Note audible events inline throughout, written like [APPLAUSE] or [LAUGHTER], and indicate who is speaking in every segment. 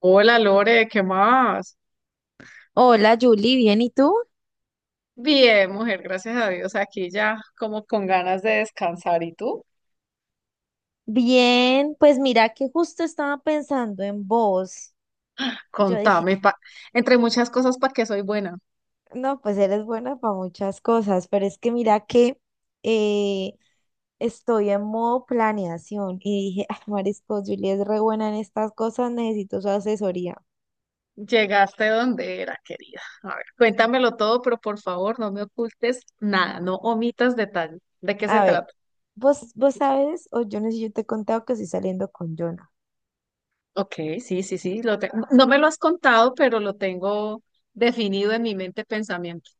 Speaker 1: Hola Lore, ¿qué más?
Speaker 2: Hola, Julie, ¿bien y tú?
Speaker 1: Bien, mujer, gracias a Dios, aquí ya como con ganas de descansar. ¿Y tú?
Speaker 2: Bien, pues mira que justo estaba pensando en vos. Yo dije,
Speaker 1: Contame, entre muchas cosas, ¿para qué soy buena?
Speaker 2: [LAUGHS] no, pues eres buena para muchas cosas, pero es que mira que eh, estoy en modo planeación y dije, ah, Marisco, Julia es re buena en estas cosas, necesito su asesoría.
Speaker 1: Llegaste donde era, querida. A ver, cuéntamelo todo, pero por favor, no me ocultes nada, no omitas detalle. ¿De qué se
Speaker 2: A ver,
Speaker 1: trata?
Speaker 2: vos sabes, o yo no sé si yo te he contado que estoy saliendo con Jonah.
Speaker 1: Ok, sí, sí, sí, no me lo has contado, pero lo tengo definido en mi mente pensamiento.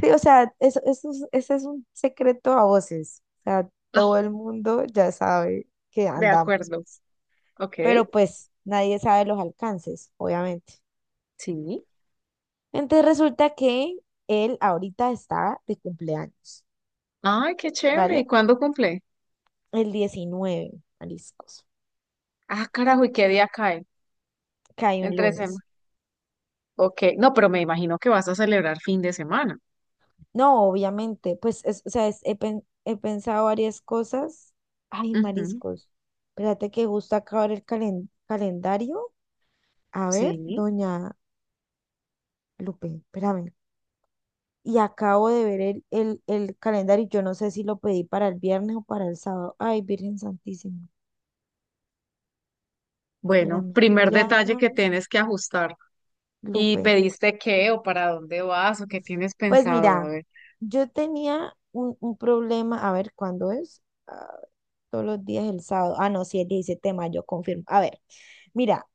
Speaker 2: Sí, o sea, ese es un secreto a voces. O sea, todo
Speaker 1: Ah,
Speaker 2: el mundo ya sabe que
Speaker 1: de
Speaker 2: andamos,
Speaker 1: acuerdo. Ok,
Speaker 2: pero pues nadie sabe los alcances, obviamente.
Speaker 1: sí.
Speaker 2: Entonces resulta que él ahorita está de cumpleaños,
Speaker 1: Ay, qué chévere. ¿Y
Speaker 2: ¿vale?
Speaker 1: cuándo cumple?
Speaker 2: El 19, mariscos,
Speaker 1: Ah, carajo, ¿y qué día cae?
Speaker 2: cae un
Speaker 1: Entre
Speaker 2: lunes.
Speaker 1: semana. Ok, no, pero me imagino que vas a celebrar fin de semana.
Speaker 2: No, obviamente, pues, he pensado varias cosas. Ay,
Speaker 1: Ujú,
Speaker 2: mariscos, espérate que justo acaba el calendario. A ver,
Speaker 1: sí.
Speaker 2: doña Lupe, espérame. Y acabo de ver el calendario. Yo no sé si lo pedí para el viernes o para el sábado. Ay, Virgen Santísima,
Speaker 1: Bueno,
Speaker 2: espérame,
Speaker 1: primer detalle que
Speaker 2: llámame,
Speaker 1: tienes que ajustar. ¿Y
Speaker 2: Lupe.
Speaker 1: pediste qué o para dónde vas o qué tienes
Speaker 2: Pues
Speaker 1: pensado? A
Speaker 2: mira,
Speaker 1: ver.
Speaker 2: yo tenía un problema, a ver, ¿cuándo es? Ah, todos los días el sábado. Ah, no, sí, el 17 de mayo, confirmo. A ver, mira,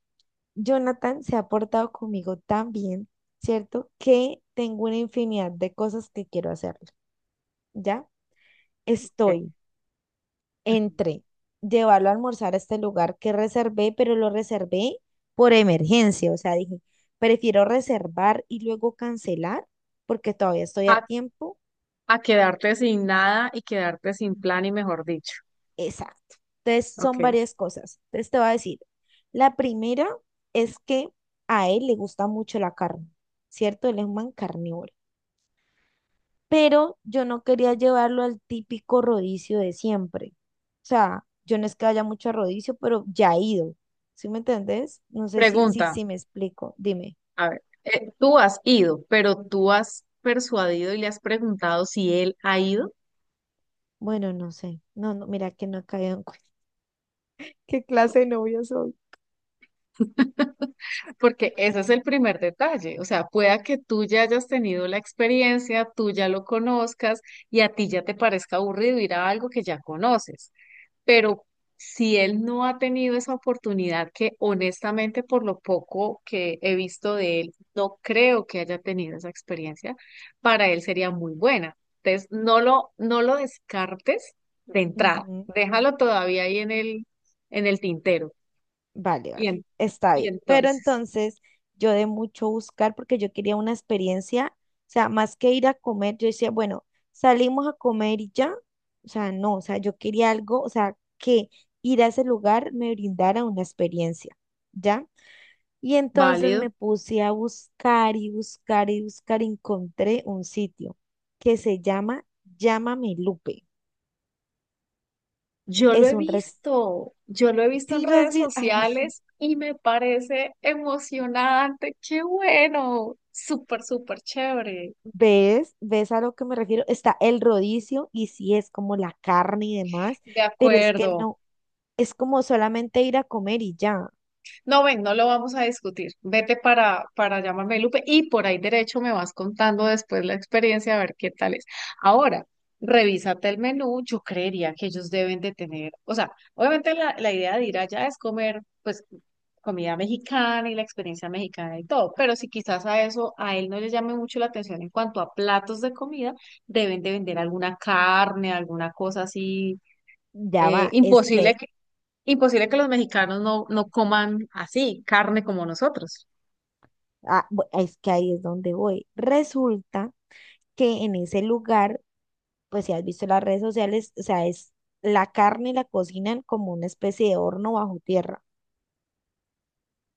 Speaker 2: Jonathan se ha portado conmigo tan bien, ¿cierto? Que tengo una infinidad de cosas que quiero hacerle, ¿ya?
Speaker 1: Ok.
Speaker 2: Estoy entre llevarlo a almorzar a este lugar que reservé, pero lo reservé por emergencia. O sea, dije, prefiero reservar y luego cancelar porque todavía estoy a
Speaker 1: A,
Speaker 2: tiempo.
Speaker 1: a quedarte sin nada y quedarte sin plan y mejor dicho.
Speaker 2: Exacto. Entonces, son
Speaker 1: Ok.
Speaker 2: varias cosas. Entonces, te voy a decir, la primera es que a él le gusta mucho la carne, ¿cierto? Él es un man carnívoro. Pero yo no quería llevarlo al típico rodicio de siempre. O sea, yo no es que haya mucho a rodicio, pero ya he ido. ¿Sí me entendés? No sé si, si,
Speaker 1: Pregunta,
Speaker 2: si me explico. Dime.
Speaker 1: a ver, tú has ido, pero tú has persuadido y le has preguntado si él ha ido.
Speaker 2: Bueno, no sé. No, no, mira que no he caído en cuenta. [LAUGHS] ¿Qué clase de novia soy?
Speaker 1: Porque ese es el primer detalle, o sea, pueda que tú ya hayas tenido la experiencia, tú ya lo conozcas y a ti ya te parezca aburrido ir a algo que ya conoces, pero si él no ha tenido esa oportunidad, que honestamente por lo poco que he visto de él, no creo que haya tenido esa experiencia, para él sería muy buena. Entonces, no lo descartes de entrada,
Speaker 2: Ujú.
Speaker 1: déjalo todavía ahí en el tintero.
Speaker 2: Vale, vale,
Speaker 1: Y, en-
Speaker 2: está
Speaker 1: y
Speaker 2: bien. Pero
Speaker 1: entonces,
Speaker 2: entonces yo de mucho buscar porque yo quería una experiencia, o sea, más que ir a comer, yo decía, bueno, salimos a comer y ya, o sea, no, o sea, yo quería algo, o sea, que ir a ese lugar me brindara una experiencia, ¿ya? Y entonces
Speaker 1: válido.
Speaker 2: me puse a buscar y buscar y buscar, y encontré un sitio que se llama Llámame Lupe.
Speaker 1: Yo lo
Speaker 2: Es
Speaker 1: he
Speaker 2: un res...
Speaker 1: visto, yo lo he visto en
Speaker 2: Sí, lo has
Speaker 1: redes
Speaker 2: visto. Ay,
Speaker 1: sociales y me parece emocionante. ¡Qué bueno! Súper, súper chévere.
Speaker 2: ¿ves? ¿Ves a lo que me refiero? Está el rodicio y sí es como la carne y demás,
Speaker 1: De
Speaker 2: pero es que
Speaker 1: acuerdo.
Speaker 2: no, es como solamente ir a comer y ya,
Speaker 1: No, ven, no lo vamos a discutir. Vete para llamarme Lupe y por ahí derecho me vas contando después la experiencia a ver qué tal es. Ahora, revísate el menú. Yo creería que ellos deben de tener, o sea, obviamente la idea de ir allá es comer, pues, comida mexicana y la experiencia mexicana y todo, pero si quizás a eso a él no le llame mucho la atención en cuanto a platos de comida, deben de vender alguna carne, alguna cosa así.
Speaker 2: ya
Speaker 1: eh,
Speaker 2: va, es
Speaker 1: imposible
Speaker 2: que,
Speaker 1: Imposible que los mexicanos no coman así, carne como nosotros.
Speaker 2: es que ahí es donde voy. Resulta que en ese lugar, pues si has visto las redes sociales, o sea, es la carne la cocinan como una especie de horno bajo tierra.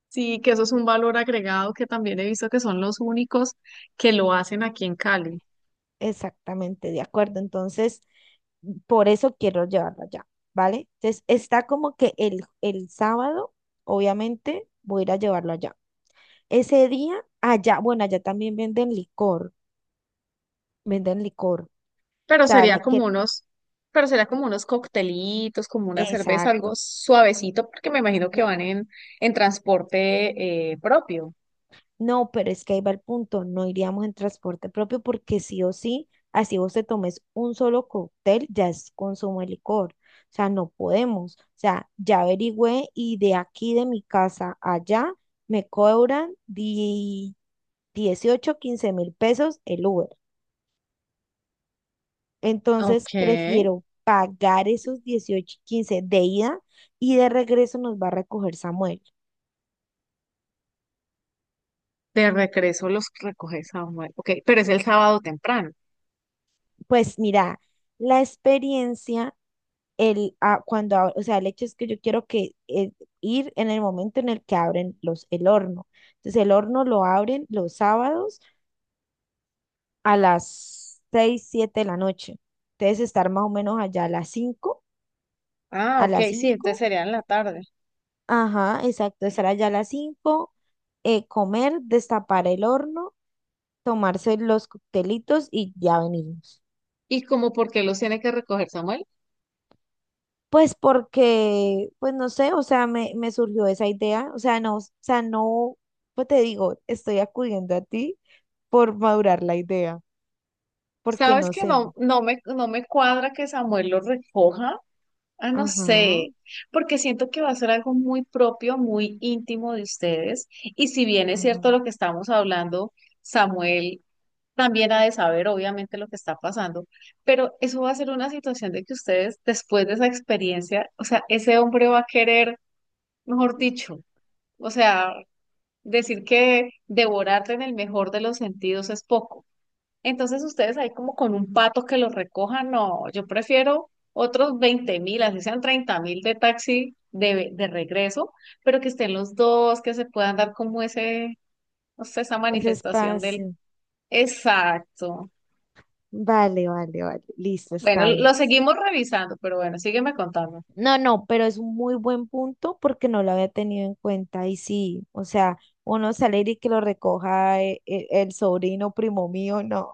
Speaker 1: Sí, que eso es un valor agregado que también he visto que son los únicos que lo hacen aquí en Cali.
Speaker 2: Exactamente, de acuerdo. Entonces, por eso quiero llevarlo allá, ¿vale? Entonces, está como que el sábado, obviamente, voy a ir a llevarlo allá. Ese día, allá, bueno, allá también venden licor, venden licor. O
Speaker 1: Pero
Speaker 2: sea, la
Speaker 1: sería
Speaker 2: que,
Speaker 1: como unos, pero sería como unos coctelitos, como una cerveza, algo
Speaker 2: exacto.
Speaker 1: suavecito, porque me imagino que
Speaker 2: No,
Speaker 1: van en transporte propio.
Speaker 2: no, pero es que ahí va el punto, no iríamos en transporte propio porque sí o sí, así vos te tomes un solo cóctel, ya es consumo de licor. O sea, no podemos. O sea, ya averigüé y de aquí de mi casa allá me cobran 18 15.000 pesos el Uber.
Speaker 1: Ok,
Speaker 2: Entonces prefiero pagar esos 18 15 de ida y de regreso nos va a recoger Samuel.
Speaker 1: de regreso los recoge Samuel. Ok, pero es el sábado temprano.
Speaker 2: Pues mira, la experiencia el, a- cuando, ab- o sea, el hecho es que yo quiero que ir en el momento en el que abren el horno. Entonces, el horno lo abren los sábados a las 6 7 de la noche. Entonces, estar más o menos allá a las 5,
Speaker 1: Ah,
Speaker 2: a
Speaker 1: ok,
Speaker 2: las
Speaker 1: sí, entonces
Speaker 2: 5
Speaker 1: sería en la tarde.
Speaker 2: ajá, exacto, estar allá a las 5, comer, destapar el horno, tomarse los coctelitos y ya venimos.
Speaker 1: ¿Y como por qué los tiene que recoger Samuel?
Speaker 2: Pues porque, pues no sé, o sea, me surgió esa idea, o sea, no, pues te digo, estoy acudiendo a ti por madurar la idea, porque
Speaker 1: Sabes
Speaker 2: no
Speaker 1: que
Speaker 2: sé.
Speaker 1: no, no me cuadra que Samuel lo recoja. Ah, no
Speaker 2: Ajá,
Speaker 1: sé, porque siento que va a ser algo muy propio, muy íntimo de ustedes. Y si bien es
Speaker 2: ajá.
Speaker 1: cierto lo que estamos hablando, Samuel también ha de saber, obviamente, lo que está pasando, pero eso va a ser una situación de que ustedes, después de esa experiencia, o sea, ese hombre va a querer, mejor dicho, o sea, decir que devorarte en el mejor de los sentidos es poco. Entonces ustedes ahí como con un pato que los recojan, no, yo prefiero otros 20.000, así sean 30.000 de taxi de regreso, pero que estén los dos, que se puedan dar como ese, no sé, esa
Speaker 2: Ese
Speaker 1: manifestación del...
Speaker 2: espacio.
Speaker 1: Exacto.
Speaker 2: Vale, vale, vale. Listo,
Speaker 1: Bueno,
Speaker 2: está
Speaker 1: lo
Speaker 2: bien.
Speaker 1: seguimos revisando, pero bueno, sígueme contando.
Speaker 2: No, no, pero es un muy buen punto porque no lo había tenido en cuenta. Y sí, o sea, uno salir y que lo recoja el sobrino primo mío, no,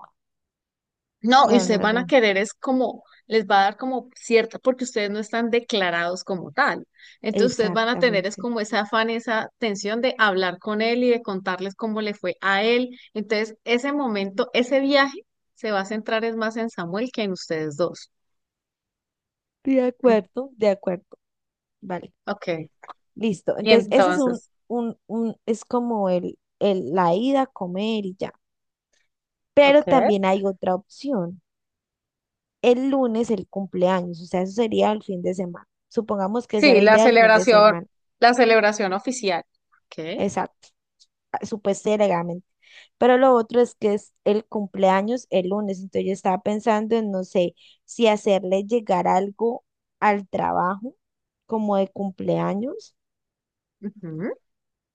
Speaker 1: No, y
Speaker 2: no,
Speaker 1: ustedes
Speaker 2: no,
Speaker 1: van a
Speaker 2: no.
Speaker 1: querer, es como, les va a dar como cierta, porque ustedes no están declarados como tal. Entonces ustedes van a tener es
Speaker 2: Exactamente.
Speaker 1: como ese afán, esa tensión de hablar con él y de contarles cómo le fue a él. Entonces ese momento, ese viaje se va a centrar es más en Samuel que en ustedes dos.
Speaker 2: De
Speaker 1: Mm,
Speaker 2: acuerdo, de acuerdo. Vale,
Speaker 1: ok,
Speaker 2: listo.
Speaker 1: y
Speaker 2: Entonces, ese es
Speaker 1: entonces,
Speaker 2: es como la ida a comer y ya. Pero
Speaker 1: ok.
Speaker 2: también hay otra opción. El lunes, el cumpleaños, o sea, eso sería el fin de semana. Supongamos que esa es
Speaker 1: Sí,
Speaker 2: la idea del fin de semana.
Speaker 1: la celebración oficial. Ok,
Speaker 2: Exacto, ah, supuestamente, legalmente. Pero lo otro es que es el cumpleaños el lunes, entonces yo estaba pensando en, no sé, si hacerle llegar algo al trabajo como de cumpleaños,
Speaker 1: ujú,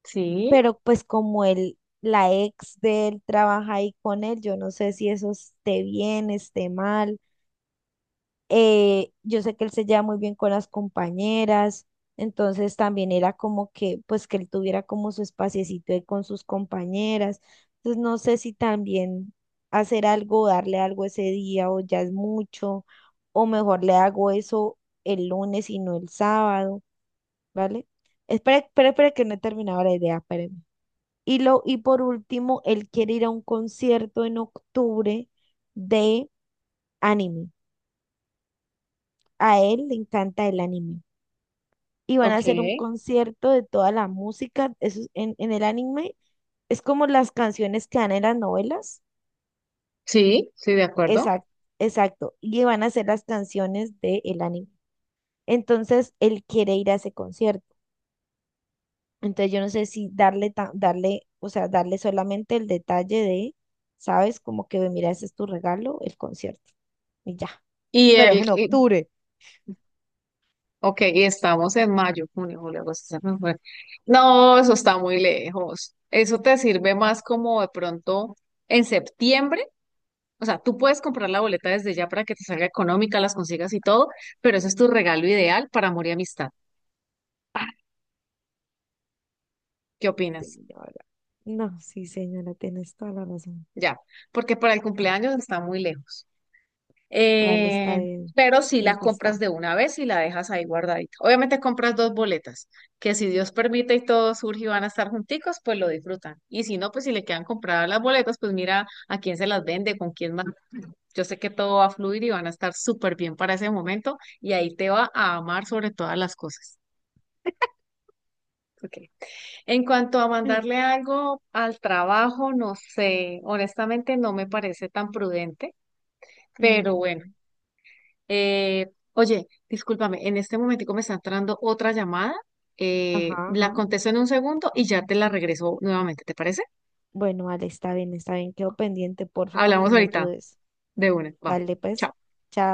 Speaker 1: sí,
Speaker 2: pero pues como el, la ex de él trabaja ahí con él, yo no sé si eso esté bien, esté mal, yo sé que él se lleva muy bien con las compañeras, entonces también era como que, pues que él tuviera como su espaciecito ahí con sus compañeras. Entonces no sé si también hacer algo, darle algo ese día o ya es mucho, o mejor le hago eso el lunes y no el sábado, ¿vale? Espera, espera, espera que no he terminado la idea, espérame. Y, lo, y por último, él quiere ir a un concierto en octubre de anime. A él le encanta el anime. Y van a
Speaker 1: ok,
Speaker 2: hacer un concierto de toda la música. Eso es en, el anime es como las canciones que dan en las novelas.
Speaker 1: sí, sí, de acuerdo.
Speaker 2: Exacto, exacto. Y van a hacer las canciones del anime. Entonces él quiere ir a ese concierto. Entonces yo no sé si darle, darle, o sea, darle solamente el detalle de, ¿sabes? Como que mira, ese es tu regalo, el concierto. Y ya.
Speaker 1: Y
Speaker 2: Pero es
Speaker 1: el,
Speaker 2: en
Speaker 1: y
Speaker 2: octubre.
Speaker 1: ok, y estamos en mayo, junio, julio, agosto, septiembre, octubre. No, eso está muy lejos. Eso te sirve más como de pronto en septiembre. O sea, tú puedes comprar la boleta desde ya para que te salga económica, las consigas y todo, pero eso es tu regalo ideal para amor y amistad.
Speaker 2: Ah,
Speaker 1: ¿Qué opinas?
Speaker 2: señora. No, sí, señora, tienes toda la razón.
Speaker 1: Ya, porque para el cumpleaños está muy lejos.
Speaker 2: Vale, está
Speaker 1: Eh,
Speaker 2: bien.
Speaker 1: pero si
Speaker 2: Me
Speaker 1: la
Speaker 2: gusta.
Speaker 1: compras de una vez y la dejas ahí guardadita. Obviamente compras dos boletas, que si Dios permite y todo surge y van a estar junticos, pues lo disfrutan. Y si no, pues si le quedan compradas las boletas, pues mira a quién se las vende, con quién más. Yo sé que todo va a fluir y van a estar súper bien para ese momento y ahí te va a amar sobre todas las cosas. Ok. En cuanto a mandarle algo al trabajo, no sé, honestamente no me parece tan prudente. Pero bueno.
Speaker 2: Ujú.
Speaker 1: Oye, discúlpame, en este momentico me está entrando otra llamada.
Speaker 2: Ajá,
Speaker 1: La
Speaker 2: ajá.
Speaker 1: contesto en un segundo y ya te la regreso nuevamente, ¿te parece?
Speaker 2: Bueno, vale, está bien, está bien. Quedo pendiente, porfa, para que
Speaker 1: Hablamos
Speaker 2: me
Speaker 1: ahorita
Speaker 2: ayudes.
Speaker 1: de una. Va.
Speaker 2: Vale, pues,
Speaker 1: Chao.
Speaker 2: chao.